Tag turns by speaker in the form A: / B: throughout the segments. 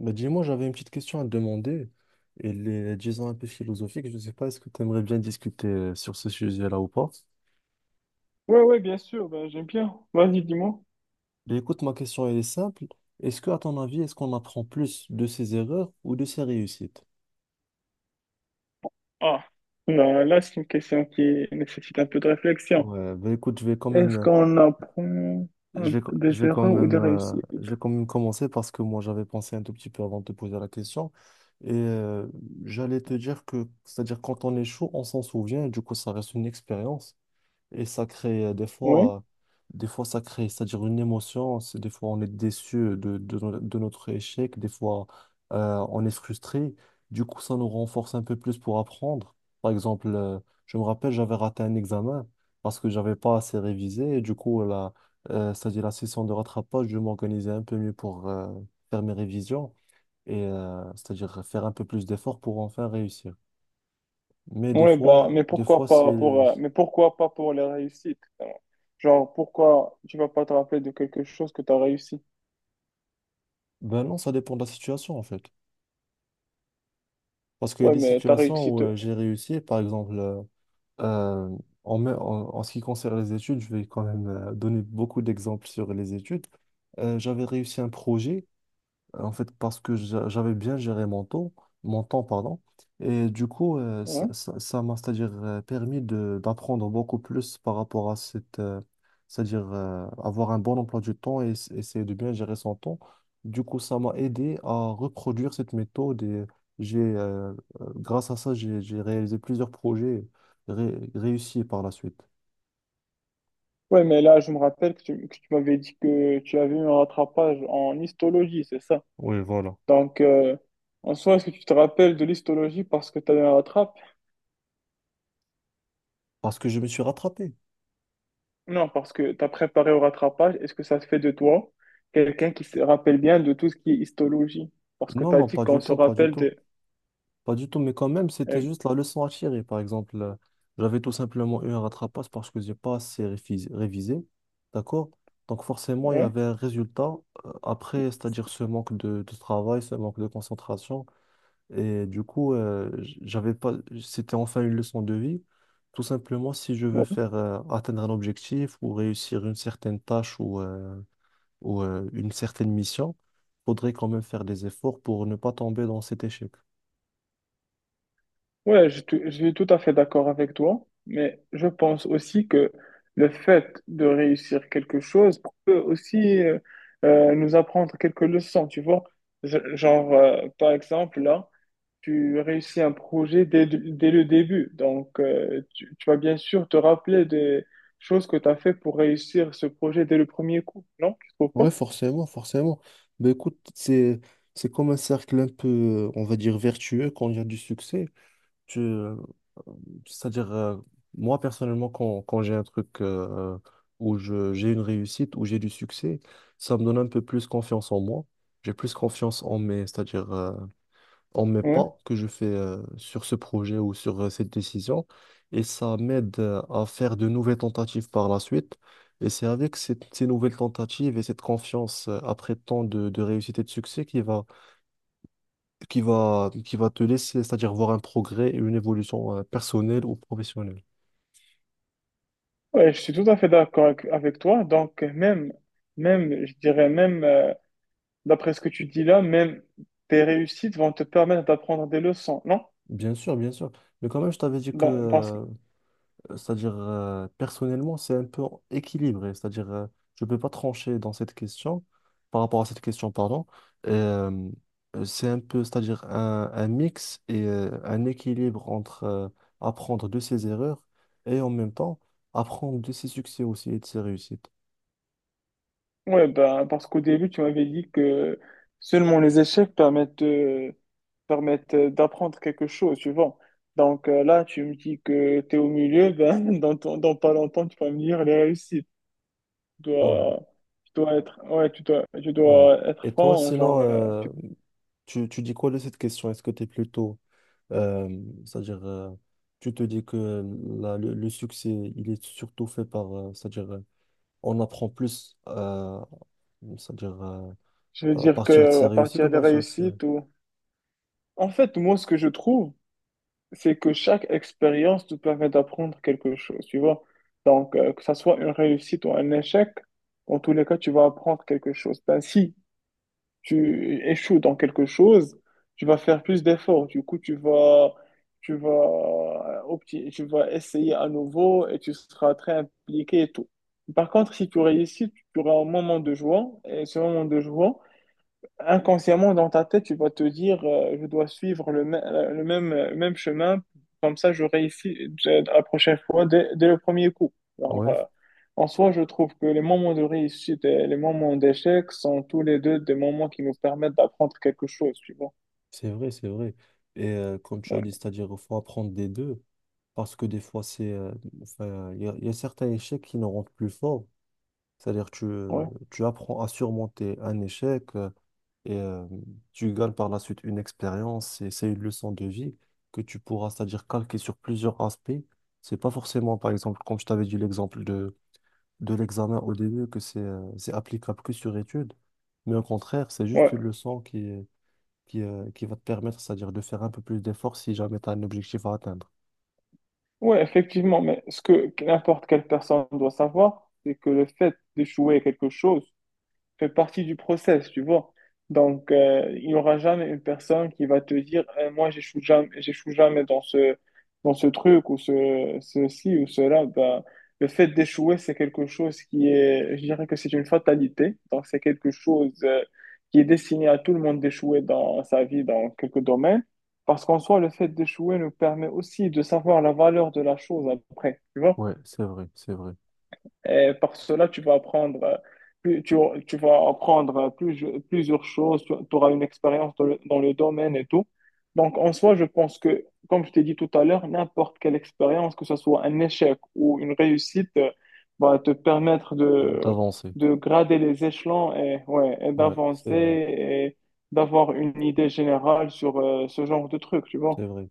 A: Bah, dis-moi, j'avais une petite question à te demander. Elle est, disons, un peu philosophique. Je ne sais pas, est-ce que tu aimerais bien discuter sur ce sujet-là ou pas?
B: Ouais, ouais, bien sûr, ben, j'aime bien. Vas-y, dis-moi.
A: Mais écoute, ma question, elle est simple. Est-ce que, à ton avis, est-ce qu'on apprend plus de ses erreurs ou de ses réussites?
B: Ah, là, là, c'est une question qui nécessite un peu de réflexion.
A: Ouais, bah, écoute,
B: Est-ce qu'on apprend un peu
A: je
B: des
A: vais quand
B: erreurs ou
A: même,
B: des réussites?
A: je vais quand même commencer parce que moi, j'avais pensé un tout petit peu avant de te poser la question. Et j'allais te dire que, c'est-à-dire, quand on échoue, on s'en souvient, et du coup, ça reste une expérience. Et ça crée euh, des
B: Oui,
A: fois, euh, des fois ça crée, c'est-à-dire une émotion. C'est des fois on est déçu de, no- de notre échec, des fois on est frustré. Du coup, ça nous renforce un peu plus pour apprendre. Par exemple, je me rappelle, j'avais raté un examen parce que j'avais pas assez révisé. Et du coup, c'est-à-dire la session de rattrapage, je m'organisais un peu mieux pour faire mes révisions et c'est-à-dire faire un peu plus d'efforts pour enfin réussir. Mais des
B: oui ben,
A: fois,
B: mais
A: des
B: pourquoi
A: fois c'est,
B: pas pour, mais pourquoi pas pour les réussites? Genre, pourquoi tu vas pas te rappeler de quelque chose que tu as réussi?
A: ben non, ça dépend de la situation en fait. Parce qu'il y a
B: Ouais,
A: des
B: mais t'as
A: situations
B: réussi.
A: où j'ai réussi, par exemple, euh, en ce qui concerne les études, je vais quand même donner beaucoup d'exemples sur les études. J'avais réussi un projet en fait, parce que j'avais bien géré mon temps, pardon. Et du coup,
B: Ouais.
A: ça m'a, c'est-à-dire, permis de, d'apprendre beaucoup plus par rapport à cette, c'est-à-dire, avoir un bon emploi du temps et essayer de bien gérer son temps. Du coup, ça m'a aidé à reproduire cette méthode et j'ai, euh, grâce à ça, j'ai réalisé plusieurs projets réussis par la suite.
B: Ouais, mais là, je me rappelle que tu m'avais dit que tu avais eu un rattrapage en histologie, c'est ça?
A: Oui, voilà.
B: Donc, en soi, est-ce que tu te rappelles de l'histologie parce que tu as eu un rattrape?
A: Parce que je me suis rattrapé.
B: Non, parce que tu as préparé au rattrapage. Est-ce que ça se fait de toi quelqu'un qui se rappelle bien de tout ce qui est histologie? Parce que
A: Non,
B: tu as
A: non,
B: dit
A: pas du
B: qu'on se
A: tout, pas du
B: rappelle
A: tout.
B: de...
A: Pas du tout, mais quand même, c'était
B: Euh,
A: juste la leçon à tirer. Par exemple, j'avais tout simplement eu un rattrapage parce que j'ai pas assez révisé. D'accord? Donc forcément, il y
B: ouais,
A: avait un résultat après, c'est-à-dire ce manque de travail, ce manque de concentration. Et du coup, j'avais pas, c'était enfin une leçon de vie. Tout simplement, si je veux
B: ouais.
A: faire atteindre un objectif ou réussir une certaine tâche ou, une certaine mission, faudrait quand même faire des efforts pour ne pas tomber dans cet échec.
B: Ouais, je, je suis tout à fait d'accord avec toi, mais je pense aussi que le fait de réussir quelque chose peut aussi nous apprendre quelques leçons, tu vois. Genre, par exemple, là, tu réussis un projet dès, dès le début. Donc, tu, tu vas bien sûr te rappeler des choses que tu as fait pour réussir ce projet dès le premier coup, non? Tu trouves
A: Ouais,
B: pas?
A: forcément, forcément. Mais écoute, c'est comme un cercle un peu, on va dire, vertueux quand il y a du succès. Tu, euh, c'est-à-dire, euh, Moi, personnellement, quand j'ai un truc où j'ai une réussite, où j'ai du succès, ça me donne un peu plus confiance en moi. J'ai plus confiance en mes, c'est-à-dire, en mes
B: Ouais.
A: pas que je fais sur ce projet ou sur cette décision. Et ça m'aide à faire de nouvelles tentatives par la suite. Et c'est avec ces nouvelles tentatives et cette confiance après tant de réussite et de succès qui va te laisser, c'est-à-dire voir un progrès et une évolution personnelle ou professionnelle.
B: Ouais, je suis tout à fait d'accord avec, avec toi. Donc, même, même, je dirais même, d'après ce que tu dis là, même tes réussites vont te permettre d'apprendre des leçons, non?
A: Bien sûr, bien sûr. Mais quand même, je t'avais dit
B: Dans- parce,
A: que c'est-à-dire, personnellement, c'est un peu équilibré. C'est-à-dire, je ne peux pas trancher dans cette question, par rapport à cette question, pardon. Et, c'est un peu, c'est-à-dire, un mix et un équilibre entre apprendre de ses erreurs et en même temps apprendre de ses succès aussi et de ses réussites.
B: ouais, ben, parce qu'au début, tu m'avais dit que seulement les échecs permettent de permettent d'apprendre quelque chose, tu vois. Donc là, tu me dis que tu es au milieu, ben, dans, dans pas longtemps, tu vas me dire les réussites. Tu
A: Ouais,
B: dois, tu dois être, ouais, tu
A: ouais.
B: dois être
A: Et toi,
B: franc, genre,
A: sinon, tu dis quoi de cette question? Est-ce que tu es plutôt, euh, c'est-à-dire, euh, tu te dis que le succès, il est surtout fait par, c'est-à-dire, on apprend plus, c'est-à-dire
B: je veux
A: à
B: dire que
A: partir de ses
B: à
A: réussites ou
B: partir
A: à
B: des
A: partir de ses...
B: réussites, ou... En fait, moi, ce que je trouve, c'est que chaque expérience te permet d'apprendre quelque chose, tu vois. Donc, que ça soit une réussite ou un échec, en tous les cas, tu vas apprendre quelque chose. Ben, si tu échoues dans quelque chose, tu vas faire plus d'efforts. Du coup, tu vas, tu vas, tu vas essayer à nouveau et tu seras très impliqué et tout. Par contre, si tu réussis, tu auras un moment de joie et ce moment de joie, inconsciemment dans ta tête, tu vas te dire, je dois suivre le, le même, même chemin, comme ça je réussis la prochaine fois dès, dès le premier coup. Alors,
A: Ouais,
B: en soi, je trouve que les moments de réussite et les moments d'échec sont tous les deux des moments qui nous permettent d'apprendre quelque chose, tu vois.
A: c'est vrai, c'est vrai. Et comme tu as
B: Ouais,
A: dit, c'est-à-dire il faut apprendre des deux, parce que des fois, c'est, enfin, il y a certains échecs qui nous rendent plus forts. C'est-à-dire
B: ouais,
A: tu apprends à surmonter un échec et tu gagnes par la suite une expérience et c'est une leçon de vie que tu pourras, c'est-à-dire calquer sur plusieurs aspects. C'est pas forcément, par exemple, comme je t'avais dit l'exemple de l'examen au début que c'est applicable que sur étude, mais au contraire, c'est juste une
B: ouais,
A: leçon qui va te permettre, c'est-à-dire de faire un peu plus d'efforts si jamais tu as un objectif à atteindre.
B: ouais, effectivement, mais ce que n'importe quelle personne doit savoir, c'est que le fait d'échouer à quelque chose, fait partie du process, tu vois. Donc, il n'y aura jamais une personne qui va te dire, eh, moi, j'échoue jamais dans ce, dans ce truc ou ce, ceci ou cela. Bah, le fait d'échouer, c'est quelque chose qui est, je dirais que c'est une fatalité. Donc, c'est quelque chose qui est destiné à tout le monde d'échouer dans sa vie, dans quelques domaines. Parce qu'en soi, le fait d'échouer nous permet aussi de savoir la valeur de la chose après, tu vois.
A: Ouais, c'est vrai, c'est vrai.
B: Et par cela, tu vas apprendre, plus- tu, tu vas apprendre plusieurs choses, tu auras une expérience dans le domaine et tout. Donc, en soi, je pense que, comme je t'ai dit tout à l'heure, n'importe quelle expérience, que ce soit un échec ou une réussite, va te permettre
A: D'avancer.
B: de grader les échelons et, ouais, et
A: Ouais, c'est
B: d'avancer
A: vrai,
B: et d'avoir une idée générale sur ce genre de truc, tu vois.
A: c'est vrai.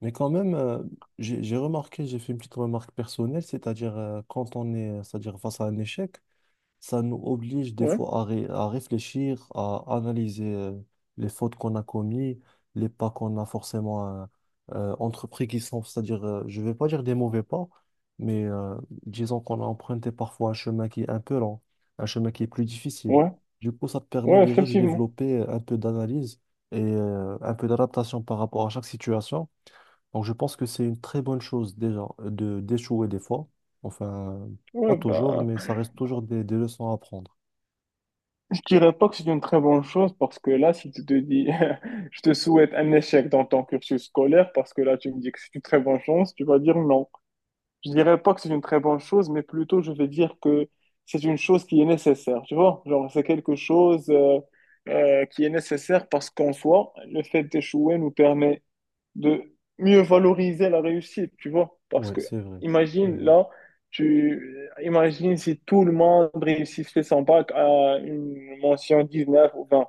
A: Mais quand même, j'ai remarqué, j'ai fait une petite remarque personnelle, c'est-à-dire quand on est, c'est-à-dire face à un échec, ça nous oblige des
B: Ouais,
A: fois à réfléchir, à analyser les fautes qu'on a commises, les pas qu'on a forcément entrepris qui sont, c'est-à-dire, je ne vais pas dire des mauvais pas, mais disons qu'on a emprunté parfois un chemin qui est un peu lent, un chemin qui est plus difficile.
B: ouais,
A: Du coup, ça te permet
B: ouais,
A: déjà de
B: effectivement.
A: développer un peu d'analyse et un peu d'adaptation par rapport à chaque situation. Donc, je pense que c'est une très bonne chose déjà de d'échouer des fois. Enfin, pas
B: Ouais,
A: toujours,
B: ben.
A: mais ça reste toujours des leçons à apprendre.
B: Je dirais pas que c'est une très bonne chose parce que là, si tu te dis, je te souhaite un échec dans ton cursus scolaire parce que là, tu me dis que c'est une très bonne chance, tu vas dire non. Je dirais pas que c'est une très bonne chose, mais plutôt je vais dire que c'est une chose qui est nécessaire, tu vois? Genre, c'est quelque chose qui est nécessaire parce qu'en soi, le fait d'échouer nous permet de mieux valoriser la réussite, tu vois. Parce
A: Oui,
B: que,
A: c'est vrai. C'est
B: imagine,
A: vrai.
B: là, tu, imagine si tout le monde réussissait son bac à une mention 19 ou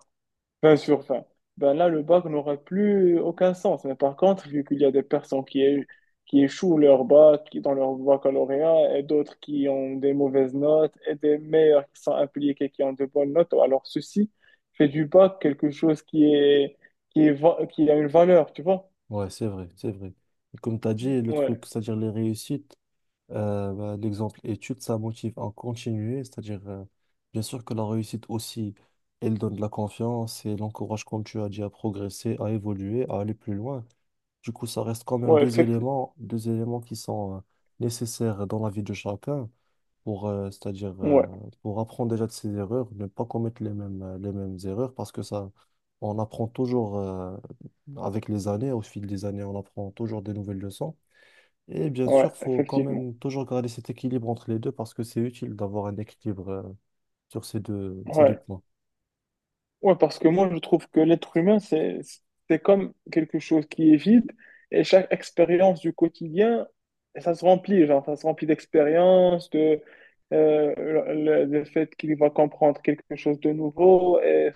B: 20 sur 20, ben là, le bac n'aurait plus aucun sens. Mais par contre, vu qu'il y a des personnes qui, qui échouent leur bac, qui dans leur baccalauréat, et d'autres qui ont des mauvaises notes, et des meilleurs qui sont impliqués, qui ont de bonnes notes, alors ceci fait du bac quelque chose qui est, qui est, qui a une valeur, tu vois.
A: Ouais, c'est vrai, c'est vrai. Et comme tu as dit, le
B: Ouais.
A: truc, c'est-à-dire les réussites, bah, l'exemple études, ça motive à continuer. C'est-à-dire, bien sûr que la réussite aussi, elle donne de la confiance et l'encourage, comme tu as dit, à progresser, à évoluer, à aller plus loin. Du coup, ça reste quand même
B: Ouais,
A: deux éléments qui sont, nécessaires dans la vie de chacun. Pour,
B: ouais,
A: pour apprendre déjà de ses erreurs, ne pas commettre les mêmes erreurs, parce que ça, on apprend toujours, avec les années, au fil des années, on apprend toujours des nouvelles leçons. Et bien
B: ouais,
A: sûr, faut quand
B: effectivement.
A: même toujours garder cet équilibre entre les deux, parce que c'est utile d'avoir un équilibre, sur ces deux
B: Ouais.
A: points.
B: Ouais, parce que moi, je trouve que l'être humain, c'est comme quelque chose qui est vide et chaque expérience du quotidien, ça se remplit, genre, ça se remplit d'expériences, de, euh, le fait qu'il va comprendre quelque chose de nouveau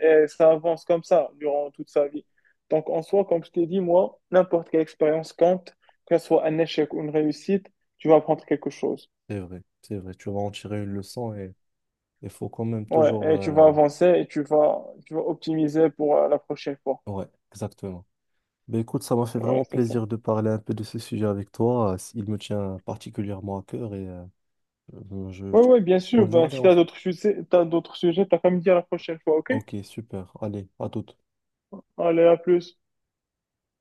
B: et ça avance comme ça durant toute sa vie. Donc, en soi, comme je t'ai dit, moi, n'importe quelle expérience compte, que ce soit un échec ou une réussite, tu vas apprendre quelque chose.
A: C'est vrai, c'est vrai. Tu vas en tirer une leçon et il faut quand même toujours,
B: Ouais, et tu vas avancer et tu vas optimiser pour la prochaine fois.
A: ouais, exactement. Ben écoute, ça m'a fait
B: Ouais,
A: vraiment
B: c'est ça.
A: plaisir de parler un peu de ce sujet avec toi. Il me tient particulièrement à cœur et Euh, je-
B: Ouais,
A: je-
B: ouais, bien sûr.
A: bonne
B: Ben,
A: journée
B: si
A: en
B: t'as
A: fait.
B: d'autres sujets, t'as d'autres sujets, t'as qu'à me dire la prochaine fois, ok?
A: Ok, super. Allez, à toute.
B: Allez, à plus.